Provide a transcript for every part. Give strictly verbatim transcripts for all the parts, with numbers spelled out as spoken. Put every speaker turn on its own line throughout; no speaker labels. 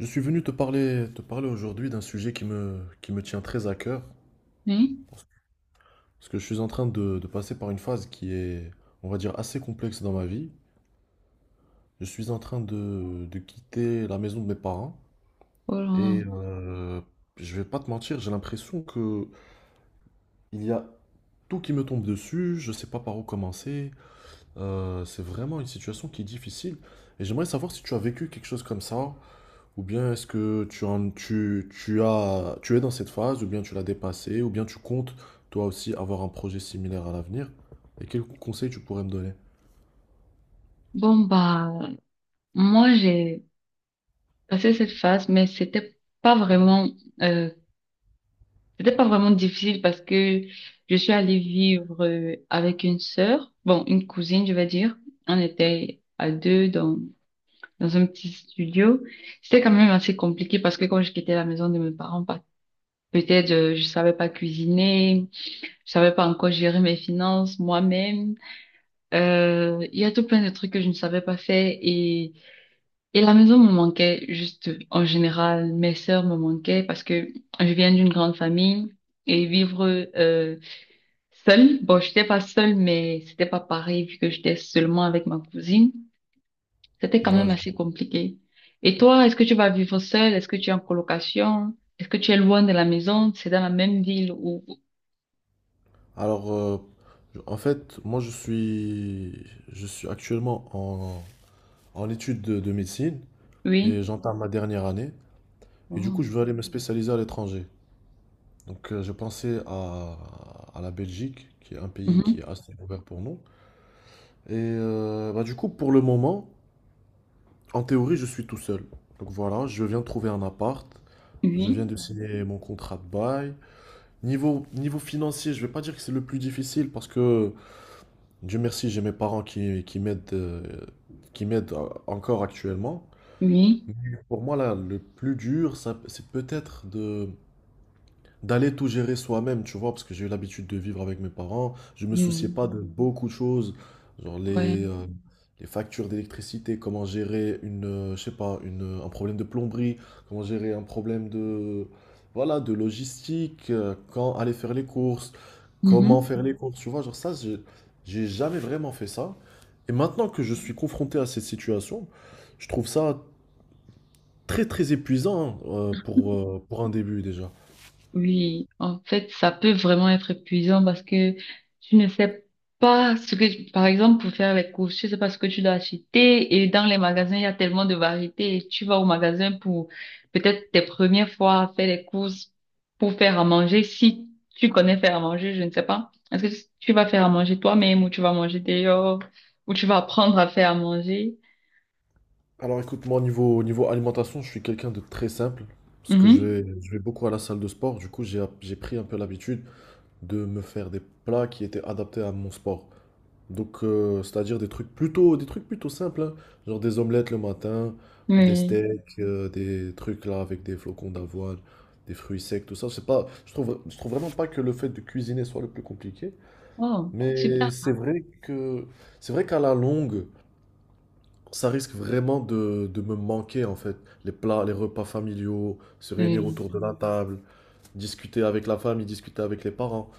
Je suis venu te parler, te parler aujourd'hui d'un sujet qui me, qui me tient très à cœur,
Oui.
parce que je suis en train de, de passer par une phase qui est, on va dire, assez complexe dans ma vie. Je suis en train de, de quitter la maison de mes parents et
Oh.
euh, je vais pas te mentir, j'ai l'impression que il y a tout qui me tombe dessus, je sais pas par où commencer. Euh, c'est vraiment une situation qui est difficile et j'aimerais savoir si tu as vécu quelque chose comme ça. Ou bien est-ce que tu, en- tu, tu as, tu es dans cette phase, ou bien tu l'as dépassée, ou bien tu comptes toi aussi avoir un projet similaire à l'avenir? Et quels conseils tu pourrais me donner?
Bon, bah, moi, j'ai passé cette phase, mais c'était pas vraiment, euh, c'était pas vraiment difficile parce que je suis allée vivre euh, avec une sœur, bon, une cousine, je vais dire. On était à deux dans, dans un petit studio. C'était quand même assez compliqué parce que quand je quittais la maison de mes parents, pas- peut-être euh, je savais pas cuisiner, je savais pas encore gérer mes finances moi-même. Euh, il y a tout plein de trucs que je ne savais pas faire et et la maison me manquait juste en général, mes sœurs me manquaient parce que je viens d'une grande famille et vivre euh, seule, bon, j'étais pas seule, mais c'était pas pareil vu que j'étais seulement avec ma cousine, c'était quand
Ouais,
même
je-
assez compliqué. Et toi, est-ce que tu vas vivre seule? Est-ce que tu es en colocation? Est-ce que tu es loin de la maison? C'est dans la même ville ou
Alors, euh, je- en fait, moi je suis, je suis actuellement en, en études de, de médecine
oui?
et j'entame ma dernière année. Et du
Oh.
coup, je veux aller me spécialiser à l'étranger. Donc, euh, j'ai pensé à, à la Belgique, qui est un pays qui
Mhm.
est assez ouvert pour nous. Et euh, bah, du coup, pour le moment, en théorie, je suis tout seul. Donc voilà, je viens de trouver un appart. Je viens
Oui,
de signer mon contrat de bail. Niveau, niveau financier, je vais pas dire que c'est le plus difficile parce que, Dieu merci, j'ai mes parents qui, qui m'aident euh, qui m'aident euh, encore actuellement.
oui,
Mais pour moi, là, le plus dur, ça- c'est peut-être de, d'aller tout gérer soi-même, tu vois, parce que j'ai eu l'habitude de vivre avec mes parents. Je me souciais
oui,
pas de beaucoup de choses, genre
ouais.
les, euh, les factures d'électricité, comment gérer une, euh, je sais pas, une, euh, un problème de plomberie, comment gérer un problème de, voilà, de logistique, euh, quand aller faire les courses, comment
Mhm.
faire les courses, tu vois, genre ça, j'ai j'ai jamais vraiment fait ça. Et maintenant que je suis confronté à cette situation, je trouve ça très très épuisant hein, euh, pour, euh, pour un début déjà.
Oui, en fait, ça peut vraiment être épuisant parce que tu ne sais pas ce que, par exemple, pour faire les courses, tu ne sais pas ce que tu dois acheter et dans les magasins, il y a tellement de variétés et tu vas au magasin pour peut-être tes premières fois à faire les courses pour faire à manger. Si tu connais faire à manger, je ne sais pas. Est-ce que tu vas faire à manger toi-même ou tu vas manger dehors ou tu vas apprendre à faire à manger?
Alors écoute, moi au niveau, au niveau alimentation, je suis quelqu'un de très simple, parce que je
Mhm.
vais, je vais beaucoup à la salle de sport, du coup j'ai, app- j'ai pris un peu l'habitude de me faire des plats qui étaient adaptés à mon sport. Donc euh, c'est-à-dire des trucs plutôt, des trucs plutôt simples, hein, genre des omelettes le matin, des
Oui.
steaks, euh, des trucs là avec des flocons d'avoine, des fruits secs, tout ça. C'est pas, je trouve, je trouve vraiment pas que le fait de cuisiner soit le plus compliqué,
Oh, super.
mais c'est vrai que, c'est vrai qu'à la longue, ça risque vraiment de, de me manquer en fait. Les plats, les repas familiaux, se réunir
Oui,
autour de la table, discuter avec la famille, discuter avec les parents.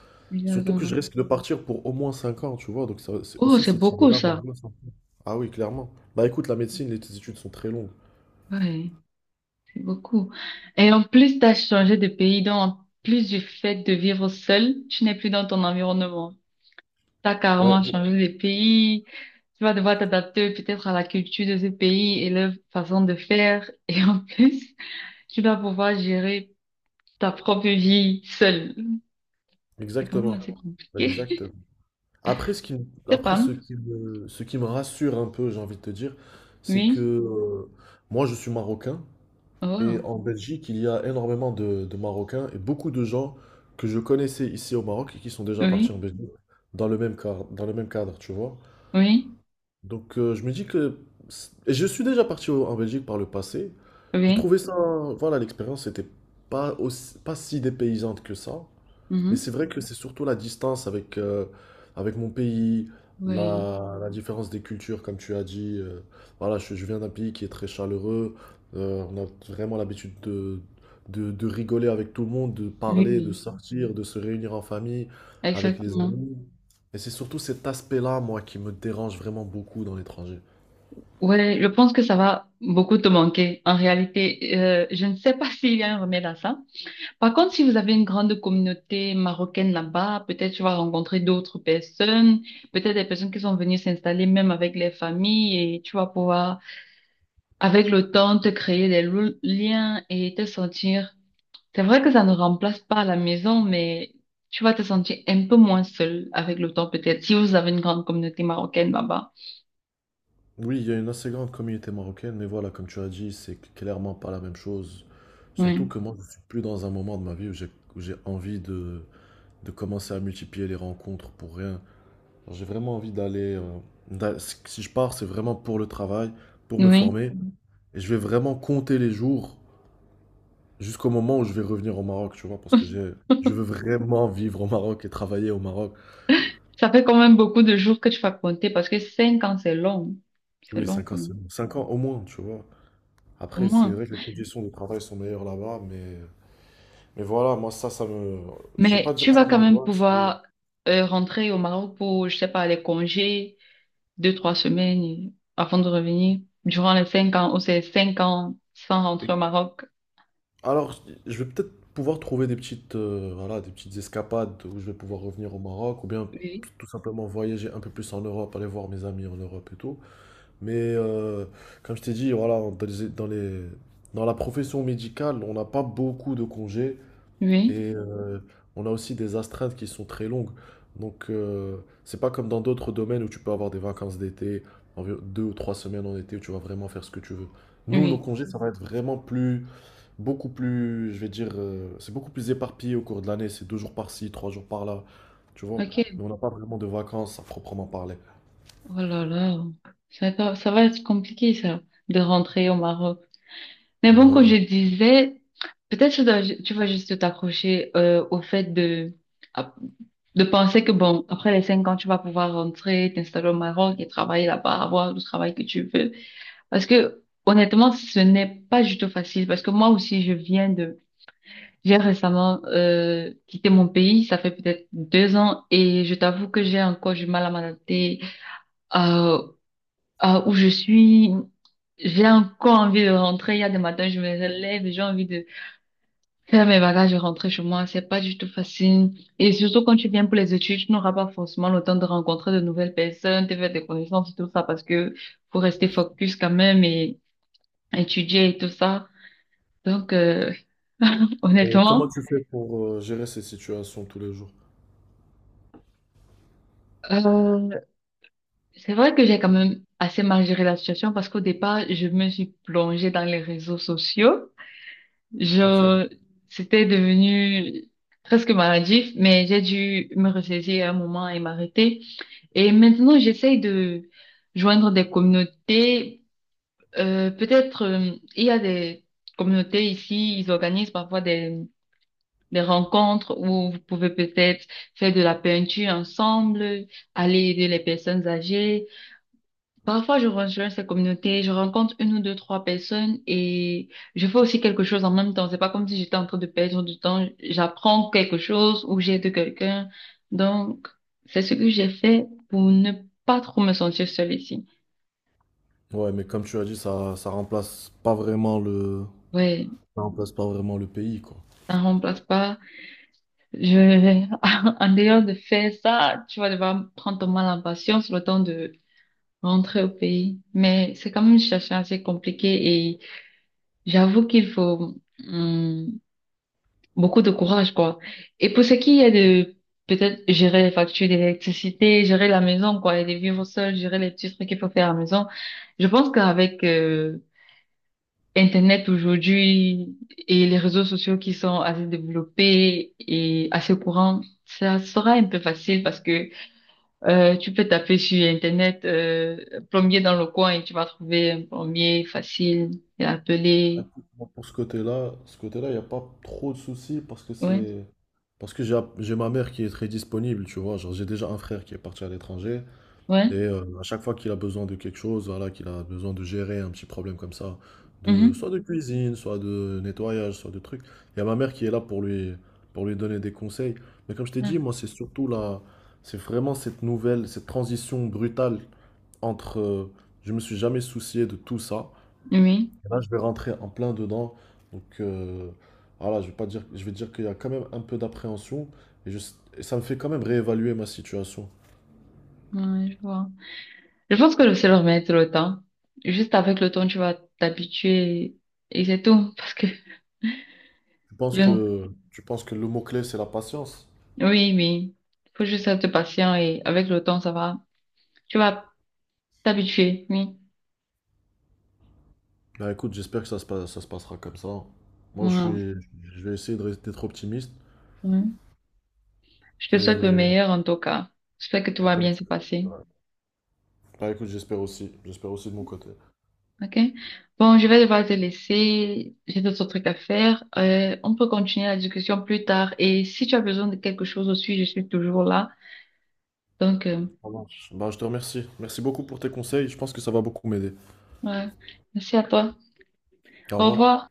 Surtout que je
exactement.
risque de partir pour au moins cinq ans, tu vois. Donc ça, c'est
Oh,
aussi
c'est
cette
beaucoup
idée-là
ça.
m'angoisse un peu. Ah oui, clairement. Bah écoute, la médecine, les études sont très longues.
Ouais. C'est beaucoup. Et en plus, tu as changé de pays, donc en plus du fait de vivre seul, tu n'es plus dans ton environnement. Tu as
Ouais,
carrément changé de pays. Tu vas devoir t'adapter peut-être à la culture de ce pays et leur façon de faire. Et en plus, tu dois pouvoir gérer ta propre vie seule. C'est quand même
exactement.
assez compliqué.
Exactement. Après, ce qui, me-
C'est
après
pas.
ce qui me, ce qui me rassure un peu, j'ai envie de te dire, c'est que
Oui.
euh, moi, je suis marocain. Et
Oh.
en Belgique, il y a énormément de, de Marocains et beaucoup de gens que je connaissais ici au Maroc et qui sont déjà
Oui.
partis en Belgique dans le même cadre, dans le même cadre, tu vois.
Oui.
Donc euh, je me dis que... Et je suis déjà parti au- en Belgique par le passé.
Oui.
J'ai
Oui.
trouvé ça... Voilà, l'expérience n'était pas aussi, pas si dépaysante que ça. Mais c'est
Mhm.
vrai que c'est surtout la distance avec, euh, avec mon pays,
Oui.
la, la différence des cultures, comme tu as dit. Euh, voilà, je, je viens d'un pays qui est très chaleureux. Euh, on a vraiment l'habitude de, de, de rigoler avec tout le monde, de
Oui.
parler, de
Oui.
sortir, de se réunir en famille, avec les
Exactement.
amis. Et c'est surtout cet aspect-là, moi, qui me dérange vraiment beaucoup dans l'étranger.
Ouais, je pense que ça va beaucoup te manquer. En réalité, euh, je ne sais pas s'il y a un remède à ça. Par contre, si vous avez une grande communauté marocaine là-bas, peut-être tu vas rencontrer d'autres personnes, peut-être des personnes qui sont venues s'installer même avec les familles et tu vas pouvoir, avec le temps, te créer des lo- liens et te sentir. C'est vrai que ça ne remplace pas la maison, mais tu vas te sentir un peu moins seul avec le temps, peut-être, si vous avez une grande communauté marocaine là-bas.
Oui, il y a une assez grande communauté marocaine, mais voilà, comme tu as dit, c'est clairement pas la même chose. Surtout
Oui.
que moi, je suis plus dans un moment de ma vie où j'ai où j'ai envie de de commencer à multiplier les rencontres pour rien. J'ai vraiment envie d'aller. euh, d'a- si si je pars, c'est vraiment pour le travail, pour me
Oui.
former. Et je vais vraiment compter les jours jusqu'au moment où je vais revenir au Maroc, tu vois, parce que j'ai, je veux vraiment vivre au Maroc et travailler au Maroc.
Ça fait quand même beaucoup de jours que tu vas compter parce que cinq ans, c'est long. C'est
Oui,
long
cinq
quand
ans, c'est-
même,
cinq ans au moins, tu vois.
au
Après, c'est
moins.
vrai que les conditions de travail sont meilleures là-bas, mais, mais voilà, moi, ça, ça me. Je vais pas
Mais
dire
tu
que
vas
ça
quand même
m'angoisse. Oui.
pouvoir euh, rentrer au Maroc pour, je sais pas, les congés, deux, trois semaines et- avant de revenir. Durant les cinq ans, ou c'est cinq ans sans rentrer au Maroc.
Alors, je vais peut-être pouvoir trouver des petites, euh, voilà, des petites escapades où je vais pouvoir revenir au Maroc ou bien
Oui.
tout simplement voyager un peu plus en Europe, aller voir mes amis en Europe et tout. Mais euh, comme je t'ai dit, voilà, dans les, dans les- dans la profession médicale, on n'a pas beaucoup de congés
Oui,
et euh, on a aussi des astreintes qui sont très longues. Donc, euh, c'est pas comme dans d'autres domaines où tu peux avoir des vacances d'été, environ deux ou trois semaines en été où tu vas vraiment faire ce que tu veux. Nous, nos
oui.
congés, ça va être vraiment plus beaucoup plus, je vais dire, euh, c'est beaucoup plus éparpillé au cours de l'année. C'est deux jours par-ci, trois jours par-là, tu vois.
Ok.
Mais on n'a pas vraiment de vacances à proprement parler.
Oh là là. Ça va, ça va être compliqué, ça, de rentrer au Maroc. Mais
Bah
bon, comme
oui.
je disais, peut-être tu dois, tu vas juste t'accrocher euh, au fait de, à- de penser que, bon, après les cinq ans, tu vas pouvoir rentrer, t'installer au Maroc et travailler là-bas, avoir le travail que tu veux. Parce que, honnêtement, ce n'est pas du tout facile. Parce que moi aussi, je viens de... J'ai récemment euh, quitté mon pays, ça fait peut-être deux ans, et je t'avoue que j'ai encore du mal à m'adapter à, à où je suis. J'ai encore envie de rentrer. Il y a des matins, je me lève et j'ai envie de faire mes bagages et rentrer chez moi, c'est pas du tout facile. Et surtout quand tu viens pour les études, tu n'auras pas forcément le temps de rencontrer de nouvelles personnes, de faire des connaissances et tout ça parce que faut rester focus quand même et étudier et tout ça. Donc, euh,
Et comment
honnêtement,
tu fais pour euh, gérer ces situations tous les jours?
euh, c'est vrai que j'ai quand même assez mal géré la situation parce qu'au départ, je me suis plongée dans les réseaux sociaux.
Ok.
Genre, c'était devenu presque maladif, mais j'ai dû me ressaisir à un moment et m'arrêter. Et maintenant, j'essaye de joindre des communautés. Euh, peut-être, euh, il y a des communautés ici, ils organisent parfois des, des rencontres où vous pouvez peut-être faire de la peinture ensemble, aller aider les personnes âgées. Parfois, je rejoins ces communautés, je rencontre une ou deux, trois personnes et je fais aussi quelque chose en même temps. C'est pas comme si j'étais en train de perdre du temps. J'apprends quelque chose ou j'aide quelqu'un. Donc, c'est ce que j'ai fait pour ne pas trop me sentir seule ici.
Ouais, mais comme tu as dit, ça, ça remplace pas vraiment le,
Ouais,
ça remplace pas vraiment le pays, quoi.
ça ne remplace pas. Je, en dehors de faire ça, tu vas devoir prendre ton mal en patience le temps de rentrer au pays. Mais c'est quand même une situation assez compliquée et j'avoue qu'il faut, hum, beaucoup de courage, quoi. Et pour ce qui est de peut-être gérer les factures d'électricité, gérer la maison, quoi, et de vivre seul, gérer les petits trucs qu'il faut faire à la maison, je pense qu'avec euh, Internet aujourd'hui et les réseaux sociaux qui sont assez développés et assez courants, ça sera un peu facile parce que euh, tu peux taper sur Internet euh, plombier dans le coin et tu vas trouver un plombier facile et
Ah,
appeler.
écoute, moi, pour ce côté-là, ce côté-là, il n'y a pas trop de soucis parce que
Ouais,
c'est, parce que j'ai, j'ai ma mère qui est très disponible, tu vois. Genre, j'ai déjà un frère qui est parti à l'étranger.
ouais.
Et heu, à chaque fois qu'il a besoin de quelque chose, voilà, qu'il a besoin de gérer un petit problème comme ça, de soit
Mhm.
de cuisine, soit de nettoyage, soit de trucs, il y a ma mère qui est là pour lui pour lui donner des conseils. Mais comme je t'ai
Ouais.
dit, moi, c'est surtout là, c'est vraiment cette nouvelle, cette transition brutale entre, heu, je me suis jamais soucié de tout ça,
Oui,
je vais rentrer en plein dedans. Donc heu, voilà, je vais pas dire je vais dire qu'il y a quand même un peu d'appréhension et je et ça me fait quand même réévaluer ma situation.
ouais, je vois. Je pense que je sais leur mettre le temps. Juste avec le temps, tu vas t'habituer et c'est tout. Parce que,
Je pense
je... ne-
que, tu penses que le mot-clé, c'est la patience?
oui, oui. Faut juste être patient et avec le temps, ça va. Tu vas t'habituer, oui.
Bah écoute, j'espère que ça se passe, ça se passera comme ça, hein. Moi, je
Moi,
suis, je vais essayer de rester d'être optimiste.
oui. Je te
Et,
souhaite le
et
meilleur en tout cas. J'espère que tout va
comme
bien se passer.
ouais. Bah écoute, j'espère aussi. J'espère aussi de mon côté.
OK? Bon, je vais devoir te laisser. J'ai d'autres trucs à faire. Euh, on peut continuer la discussion plus tard. Et si tu as besoin de quelque chose aussi, je suis toujours là. Donc, euh,
Ça marche. Bah je te remercie. Merci beaucoup pour tes conseils. Je pense que ça va beaucoup m'aider.
ouais. Merci à toi.
Au
Au
revoir.
revoir.